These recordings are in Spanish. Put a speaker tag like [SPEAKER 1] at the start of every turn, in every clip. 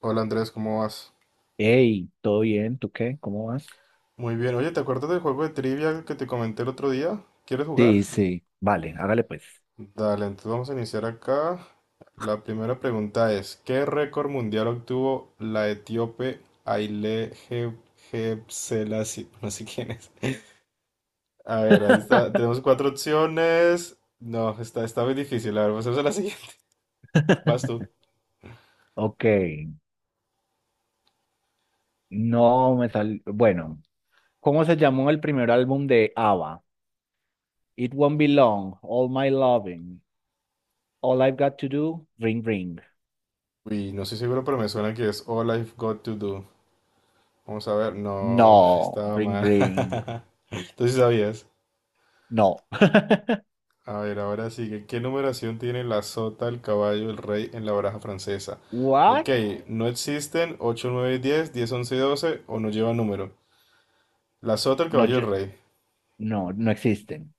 [SPEAKER 1] Hola Andrés, ¿cómo vas?
[SPEAKER 2] Hey, ¿todo bien? ¿Tú qué? ¿Cómo vas?
[SPEAKER 1] Muy bien, oye, ¿te acuerdas del juego de trivia que te comenté el otro día? ¿Quieres jugar?
[SPEAKER 2] Sí, sí, vale, hágale pues.
[SPEAKER 1] Dale, entonces vamos a iniciar acá. La primera pregunta es, ¿qué récord mundial obtuvo la etíope Haile Gebrselassie? No sé quién es. A ver, ahí está. Tenemos cuatro opciones. No, está muy difícil. A ver, vamos a hacer la siguiente. Vas tú.
[SPEAKER 2] Ok, no me sal... Bueno, ¿cómo se llamó el primer álbum de ABBA? It Won't Be Long, All My Loving, All I've Got to Do, Ring Ring.
[SPEAKER 1] Uy, no estoy seguro, pero me suena que es All I've Got to Do. Vamos a ver. No,
[SPEAKER 2] No,
[SPEAKER 1] estaba
[SPEAKER 2] Ring
[SPEAKER 1] mal.
[SPEAKER 2] Ring,
[SPEAKER 1] Entonces sabías.
[SPEAKER 2] no.
[SPEAKER 1] A ver, ahora sigue. ¿Qué numeración tiene la sota, el caballo, el rey en la baraja francesa?
[SPEAKER 2] What?
[SPEAKER 1] Ok, no existen 8 9 diez 11 12 o no llevan número. La sota, el
[SPEAKER 2] No,
[SPEAKER 1] caballo,
[SPEAKER 2] yo-
[SPEAKER 1] el rey.
[SPEAKER 2] no, no existen.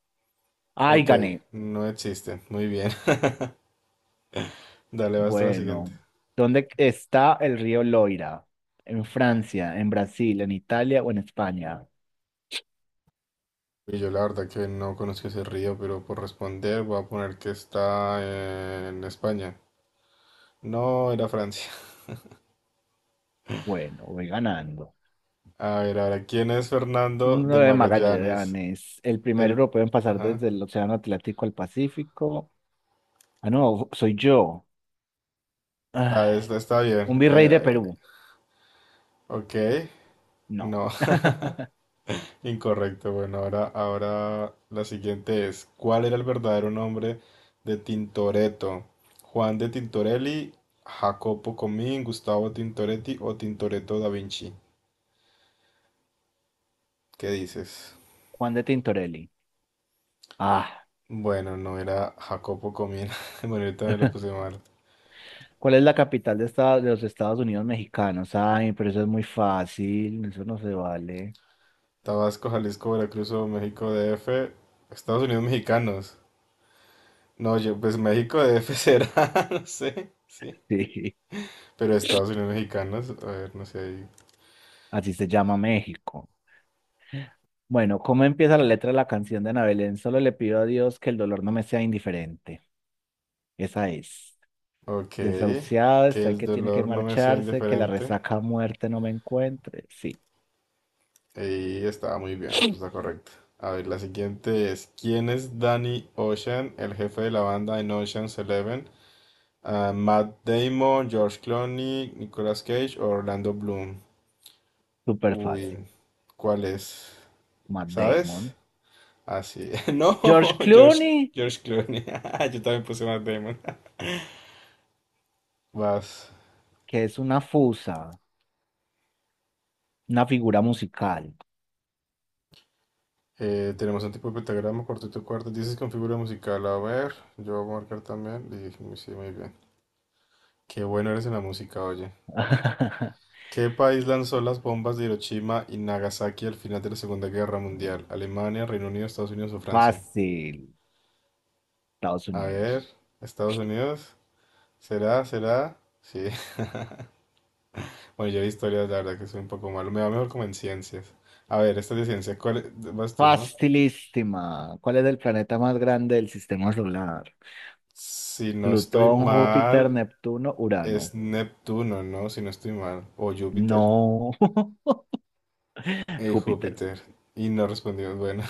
[SPEAKER 2] Ay,
[SPEAKER 1] Ok,
[SPEAKER 2] gané.
[SPEAKER 1] no existen. Muy bien. Dale, basta la siguiente.
[SPEAKER 2] Bueno, ¿dónde está el río Loira? ¿En Francia, en Brasil, en Italia o en España?
[SPEAKER 1] Y yo la verdad que no conozco ese río, pero por responder voy a poner que está en España. No, era Francia.
[SPEAKER 2] Bueno, voy ganando.
[SPEAKER 1] A ver, ahora, ¿quién es Fernando
[SPEAKER 2] Uno
[SPEAKER 1] de
[SPEAKER 2] de
[SPEAKER 1] Magallanes?
[SPEAKER 2] Magallanes, el primer
[SPEAKER 1] El...
[SPEAKER 2] europeo en pasar
[SPEAKER 1] Ajá.
[SPEAKER 2] desde el Océano Atlántico al Pacífico. Ah, no, soy yo.
[SPEAKER 1] Ah,
[SPEAKER 2] Ay,
[SPEAKER 1] esta está bien.
[SPEAKER 2] un virrey de Perú.
[SPEAKER 1] Ok.
[SPEAKER 2] No.
[SPEAKER 1] No, incorrecto. Bueno, ahora la siguiente es, ¿cuál era el verdadero nombre de Tintoretto? Juan de Tintorelli, Jacopo Comín, Gustavo Tintoretti o Tintoretto da Vinci. ¿Qué dices?
[SPEAKER 2] Juan de Tintorelli. Ah,
[SPEAKER 1] Bueno, no era Jacopo Comín. Bueno, ahorita me lo puse mal.
[SPEAKER 2] ¿cuál es la capital de, de los Estados Unidos mexicanos? Ay, pero eso es muy fácil, eso no se vale.
[SPEAKER 1] Tabasco, Jalisco, Veracruz o México DF, Estados Unidos mexicanos. No, yo, pues México DF será, no sé, sí.
[SPEAKER 2] Sí,
[SPEAKER 1] Pero Estados Unidos mexicanos, a ver, no sé, ahí.
[SPEAKER 2] así se llama México. Bueno, ¿cómo empieza la letra de la canción de Ana Belén? Solo le pido a Dios que el dolor no me sea indiferente. Esa es.
[SPEAKER 1] Ok,
[SPEAKER 2] Desahuciado,
[SPEAKER 1] que
[SPEAKER 2] está el
[SPEAKER 1] el
[SPEAKER 2] que tiene que
[SPEAKER 1] dolor no me sea
[SPEAKER 2] marcharse, que la
[SPEAKER 1] indiferente.
[SPEAKER 2] resaca a muerte no me encuentre. Sí,
[SPEAKER 1] Y estaba muy bien, respuesta correcta. A ver, la siguiente es, ¿quién es Danny Ocean, el jefe de la banda en Ocean's Eleven? Ah, Matt Damon, George Clooney, Nicolas Cage o Orlando Bloom.
[SPEAKER 2] súper fácil.
[SPEAKER 1] Uy, ¿cuál es?
[SPEAKER 2] Matt
[SPEAKER 1] ¿Sabes?
[SPEAKER 2] Damon.
[SPEAKER 1] Así. No, no,
[SPEAKER 2] George
[SPEAKER 1] George,
[SPEAKER 2] Clooney,
[SPEAKER 1] George Clooney. Yo también puse Matt Damon. Vas.
[SPEAKER 2] que es una fusa, una figura musical.
[SPEAKER 1] Tenemos un tipo de pentagrama, cuarteto de cuerdas. Dices con figura musical. A ver, yo voy a marcar también. Y, dije, sí, muy bien. Qué bueno eres en la música, oye. ¿Qué país lanzó las bombas de Hiroshima y Nagasaki al final de la Segunda Guerra Mundial? ¿Alemania, Reino Unido, Estados Unidos o Francia?
[SPEAKER 2] Fácil, Estados
[SPEAKER 1] A ver,
[SPEAKER 2] Unidos.
[SPEAKER 1] Estados Unidos. ¿Será? ¿Será? Sí. Bueno, yo de historias, la verdad que soy un poco malo. Me va mejor como en ciencias. A ver, esta es de ciencia. ¿Cuál es? Vas tú, ¿no?
[SPEAKER 2] Facilísima. ¿Cuál es el planeta más grande del sistema solar?
[SPEAKER 1] Si no estoy
[SPEAKER 2] Plutón, Júpiter,
[SPEAKER 1] mal,
[SPEAKER 2] Neptuno, Urano.
[SPEAKER 1] es Neptuno, ¿no? Si no estoy mal. ¿O Júpiter?
[SPEAKER 2] No. Júpiter.
[SPEAKER 1] Júpiter. Y no respondió. Bueno,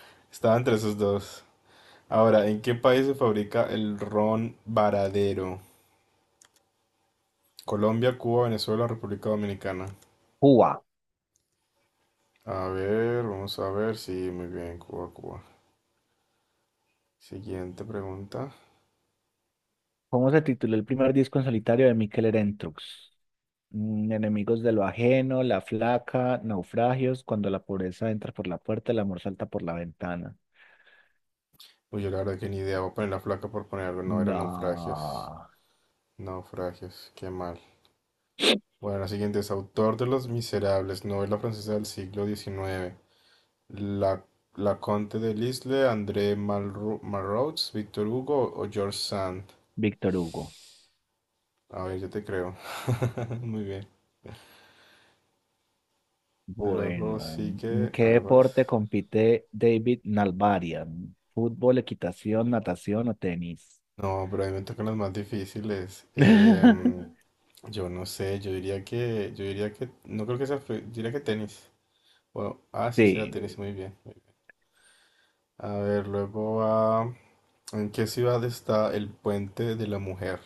[SPEAKER 1] estaba entre esos dos. Ahora, ¿en qué país se fabrica el ron varadero? Colombia, Cuba, Venezuela, República Dominicana.
[SPEAKER 2] Cuba.
[SPEAKER 1] A ver, vamos a ver. Sí, muy bien, Cuba, Cuba. Siguiente pregunta.
[SPEAKER 2] ¿Cómo se tituló el primer disco en solitario de Mikel Erentxun? Mm, Enemigos de lo ajeno, la flaca, naufragios, cuando la pobreza entra por la puerta, el amor salta por la ventana.
[SPEAKER 1] Uy, yo la verdad que ni idea. Voy a poner la flaca por poner algo. No, era naufragios.
[SPEAKER 2] No,
[SPEAKER 1] Naufragios, qué mal. Bueno, la siguiente es autor de Los Miserables, novela francesa del siglo XIX. La, la Conte de Lisle, André Malraux, Víctor Hugo o George Sand.
[SPEAKER 2] Víctor Hugo.
[SPEAKER 1] A ver, yo te creo. Muy bien. Luego
[SPEAKER 2] Bueno, ¿en
[SPEAKER 1] sigue,
[SPEAKER 2] qué
[SPEAKER 1] a ver,
[SPEAKER 2] deporte
[SPEAKER 1] vas.
[SPEAKER 2] compite David Nalbarian? ¿Fútbol, equitación, natación o tenis?
[SPEAKER 1] No, pero a mí me tocan las más difíciles. Yo no sé, yo diría que, no creo que sea, diría que tenis. Bueno, ah, sí, será
[SPEAKER 2] Sí,
[SPEAKER 1] tenis, muy bien. Muy bien. A ver, luego va, ¿en qué ciudad está el Puente de la Mujer?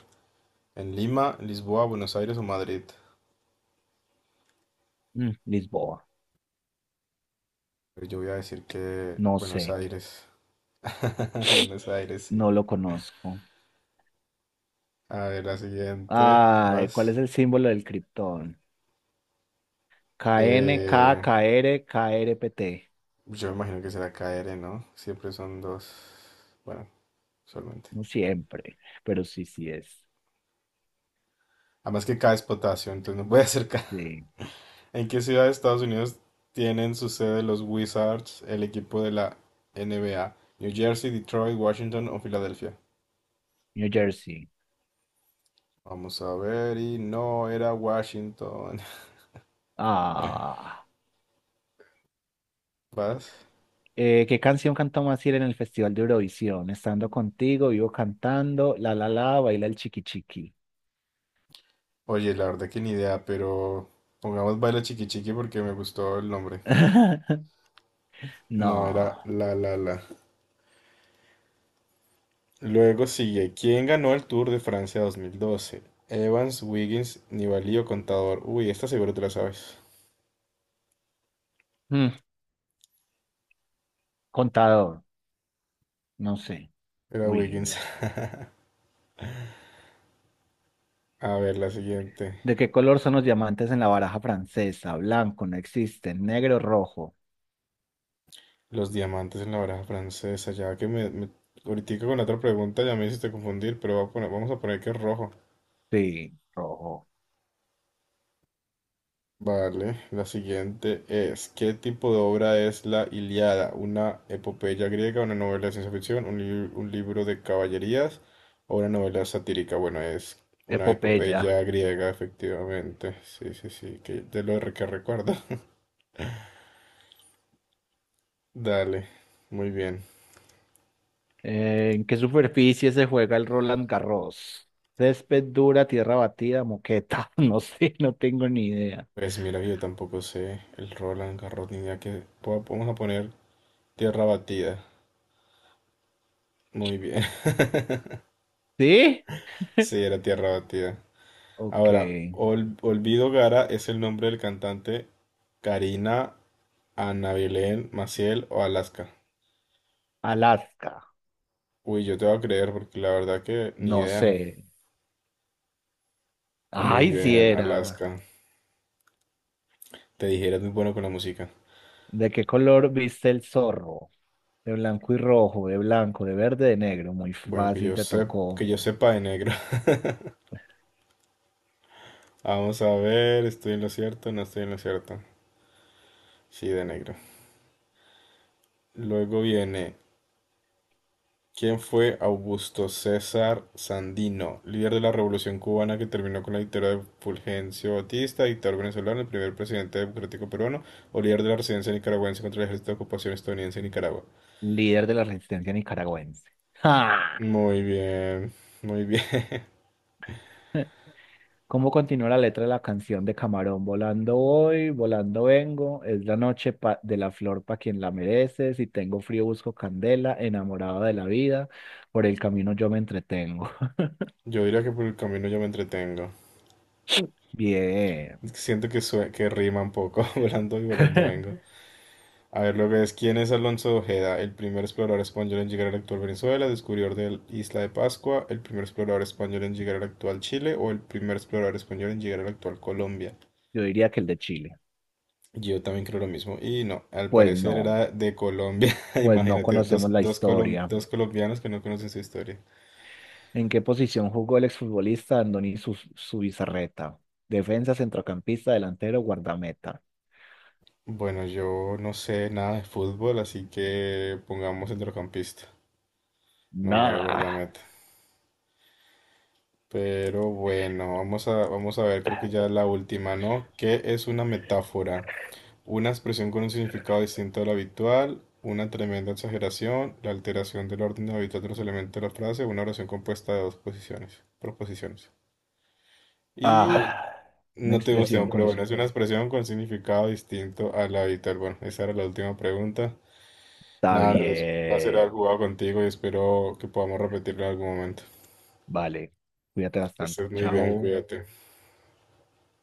[SPEAKER 1] ¿En Lima, Lisboa, Buenos Aires o Madrid?
[SPEAKER 2] mm, Lisboa.
[SPEAKER 1] Pero yo voy a decir que
[SPEAKER 2] No sé,
[SPEAKER 1] Buenos Aires. Buenos Aires, sí.
[SPEAKER 2] no lo conozco.
[SPEAKER 1] A ver, la siguiente.
[SPEAKER 2] Ay, ¿cuál
[SPEAKER 1] Vas.
[SPEAKER 2] es el símbolo del criptón? K N, K K
[SPEAKER 1] Eh,
[SPEAKER 2] R K R P T.
[SPEAKER 1] yo me imagino que será KR, ¿no? Siempre son dos. Bueno, solamente.
[SPEAKER 2] No siempre, pero sí, sí es.
[SPEAKER 1] Además que K es potasio, entonces no puede ser K.
[SPEAKER 2] Sí.
[SPEAKER 1] ¿En qué ciudad de Estados Unidos tienen su sede los Wizards, el equipo de la NBA? ¿New Jersey, Detroit, Washington o Filadelfia?
[SPEAKER 2] New Jersey.
[SPEAKER 1] Vamos a ver. Y no era Washington.
[SPEAKER 2] Ah.
[SPEAKER 1] Vas.
[SPEAKER 2] ¿Qué canción cantamos así en el Festival de Eurovisión? Estando contigo, vivo cantando, la la la, baila el chiqui chiqui.
[SPEAKER 1] Oye, la verdad que ni idea, pero pongamos Baila Chiqui Chiqui porque me gustó el nombre. No,
[SPEAKER 2] No.
[SPEAKER 1] era La La La. Luego sigue, ¿quién ganó el Tour de Francia 2012? Evans, Wiggins, Nibali o Contador. Uy, esta seguro te la sabes.
[SPEAKER 2] Mm, Contador, no sé.
[SPEAKER 1] Era Wiggins.
[SPEAKER 2] Williams.
[SPEAKER 1] A ver, la siguiente.
[SPEAKER 2] ¿De qué color son los diamantes en la baraja francesa? Blanco, no existen. Negro, rojo.
[SPEAKER 1] Los diamantes en la baraja francesa. Ya que ahorita con la otra pregunta ya me hiciste confundir, pero vamos a poner que es rojo.
[SPEAKER 2] Sí, rojo.
[SPEAKER 1] Vale, la siguiente es, ¿qué tipo de obra es la Ilíada? ¿Una epopeya griega, una novela de ciencia ficción, un libro de caballerías o una novela satírica? Bueno, es una
[SPEAKER 2] Epopeya.
[SPEAKER 1] epopeya griega, efectivamente. Sí, sí, sí, que de lo re- que recuerdo. Dale, muy bien.
[SPEAKER 2] ¿En qué superficie se juega el Roland Garros? Césped dura, tierra batida, moqueta. No sé, no tengo ni idea.
[SPEAKER 1] Pues mira, yo tampoco sé el Roland Garros ni idea Vamos a poner tierra batida. Muy bien.
[SPEAKER 2] ¿Sí?
[SPEAKER 1] Sí, era tierra batida.
[SPEAKER 2] Ok.
[SPEAKER 1] Ahora, Olvido Gara es el nombre del cantante. Karina, Ana Belén, Maciel o Alaska.
[SPEAKER 2] Alaska.
[SPEAKER 1] Uy, yo te voy a creer porque la verdad que ni
[SPEAKER 2] No sé.
[SPEAKER 1] idea. Muy
[SPEAKER 2] Ay, si
[SPEAKER 1] bien,
[SPEAKER 2] era.
[SPEAKER 1] Alaska. Te dije, eres muy bueno con la música.
[SPEAKER 2] ¿De qué color viste el zorro? De blanco y rojo, de blanco, de verde, de negro. Muy
[SPEAKER 1] Bueno, que
[SPEAKER 2] fácil,
[SPEAKER 1] yo
[SPEAKER 2] te
[SPEAKER 1] sepa,
[SPEAKER 2] tocó.
[SPEAKER 1] que yo sepa, de negro. Vamos a ver, ¿estoy en lo cierto? No estoy en lo cierto. Sí, de negro. Luego viene, ¿quién fue Augusto César Sandino, líder de la Revolución cubana que terminó con la dictadura de Fulgencio Batista, dictador venezolano, el primer presidente democrático peruano, o líder de la resistencia nicaragüense contra el ejército de ocupación estadounidense en Nicaragua?
[SPEAKER 2] Líder de la resistencia nicaragüense. ¡Ja!
[SPEAKER 1] Muy bien, muy bien.
[SPEAKER 2] ¿Cómo continúa la letra de la canción de Camarón? Volando voy, volando vengo, es la noche de la flor para quien la merece, si tengo frío busco candela, enamorado de la vida, por el camino yo me entretengo.
[SPEAKER 1] Yo diría que por el camino yo me entretengo.
[SPEAKER 2] Bien,
[SPEAKER 1] Es que siento que, que rima un poco, volando y volando vengo. A ver, lo que es, ¿quién es Alonso de Ojeda? El primer explorador español en llegar a la actual Venezuela, descubridor de la isla de Pascua, el primer explorador español en llegar al actual Chile o el primer explorador español en llegar a la actual Colombia.
[SPEAKER 2] yo diría que el de Chile.
[SPEAKER 1] Yo también creo lo mismo. Y no, al
[SPEAKER 2] Pues
[SPEAKER 1] parecer
[SPEAKER 2] no,
[SPEAKER 1] era de Colombia.
[SPEAKER 2] pues no
[SPEAKER 1] Imagínate,
[SPEAKER 2] conocemos
[SPEAKER 1] dos,
[SPEAKER 2] la
[SPEAKER 1] dos,
[SPEAKER 2] historia.
[SPEAKER 1] dos colombianos que no conocen su historia.
[SPEAKER 2] ¿En qué posición jugó el exfutbolista Andoni Zubizarreta? Defensa, centrocampista, delantero, guardameta.
[SPEAKER 1] Bueno, yo no sé nada de fútbol, así que pongamos centrocampista. No, era
[SPEAKER 2] Nada.
[SPEAKER 1] guardameta. Pero bueno, vamos a ver, creo que ya es la última, ¿no? ¿Qué es una metáfora? Una expresión con un significado distinto al habitual, una tremenda exageración, la alteración del orden habitual de los elementos de la frase, una oración compuesta de dos proposiciones. Y
[SPEAKER 2] Ah, una
[SPEAKER 1] no tenemos
[SPEAKER 2] expresión
[SPEAKER 1] tiempo, pero
[SPEAKER 2] con.
[SPEAKER 1] bueno, es una expresión con significado distinto al habitual. Bueno, esa era la última pregunta.
[SPEAKER 2] Está
[SPEAKER 1] Nada, Andrés, un placer haber
[SPEAKER 2] bien.
[SPEAKER 1] jugado contigo y espero que podamos repetirlo en algún momento.
[SPEAKER 2] Vale. Cuídate
[SPEAKER 1] Que
[SPEAKER 2] bastante.
[SPEAKER 1] estés muy bien,
[SPEAKER 2] Chao.
[SPEAKER 1] cuídate.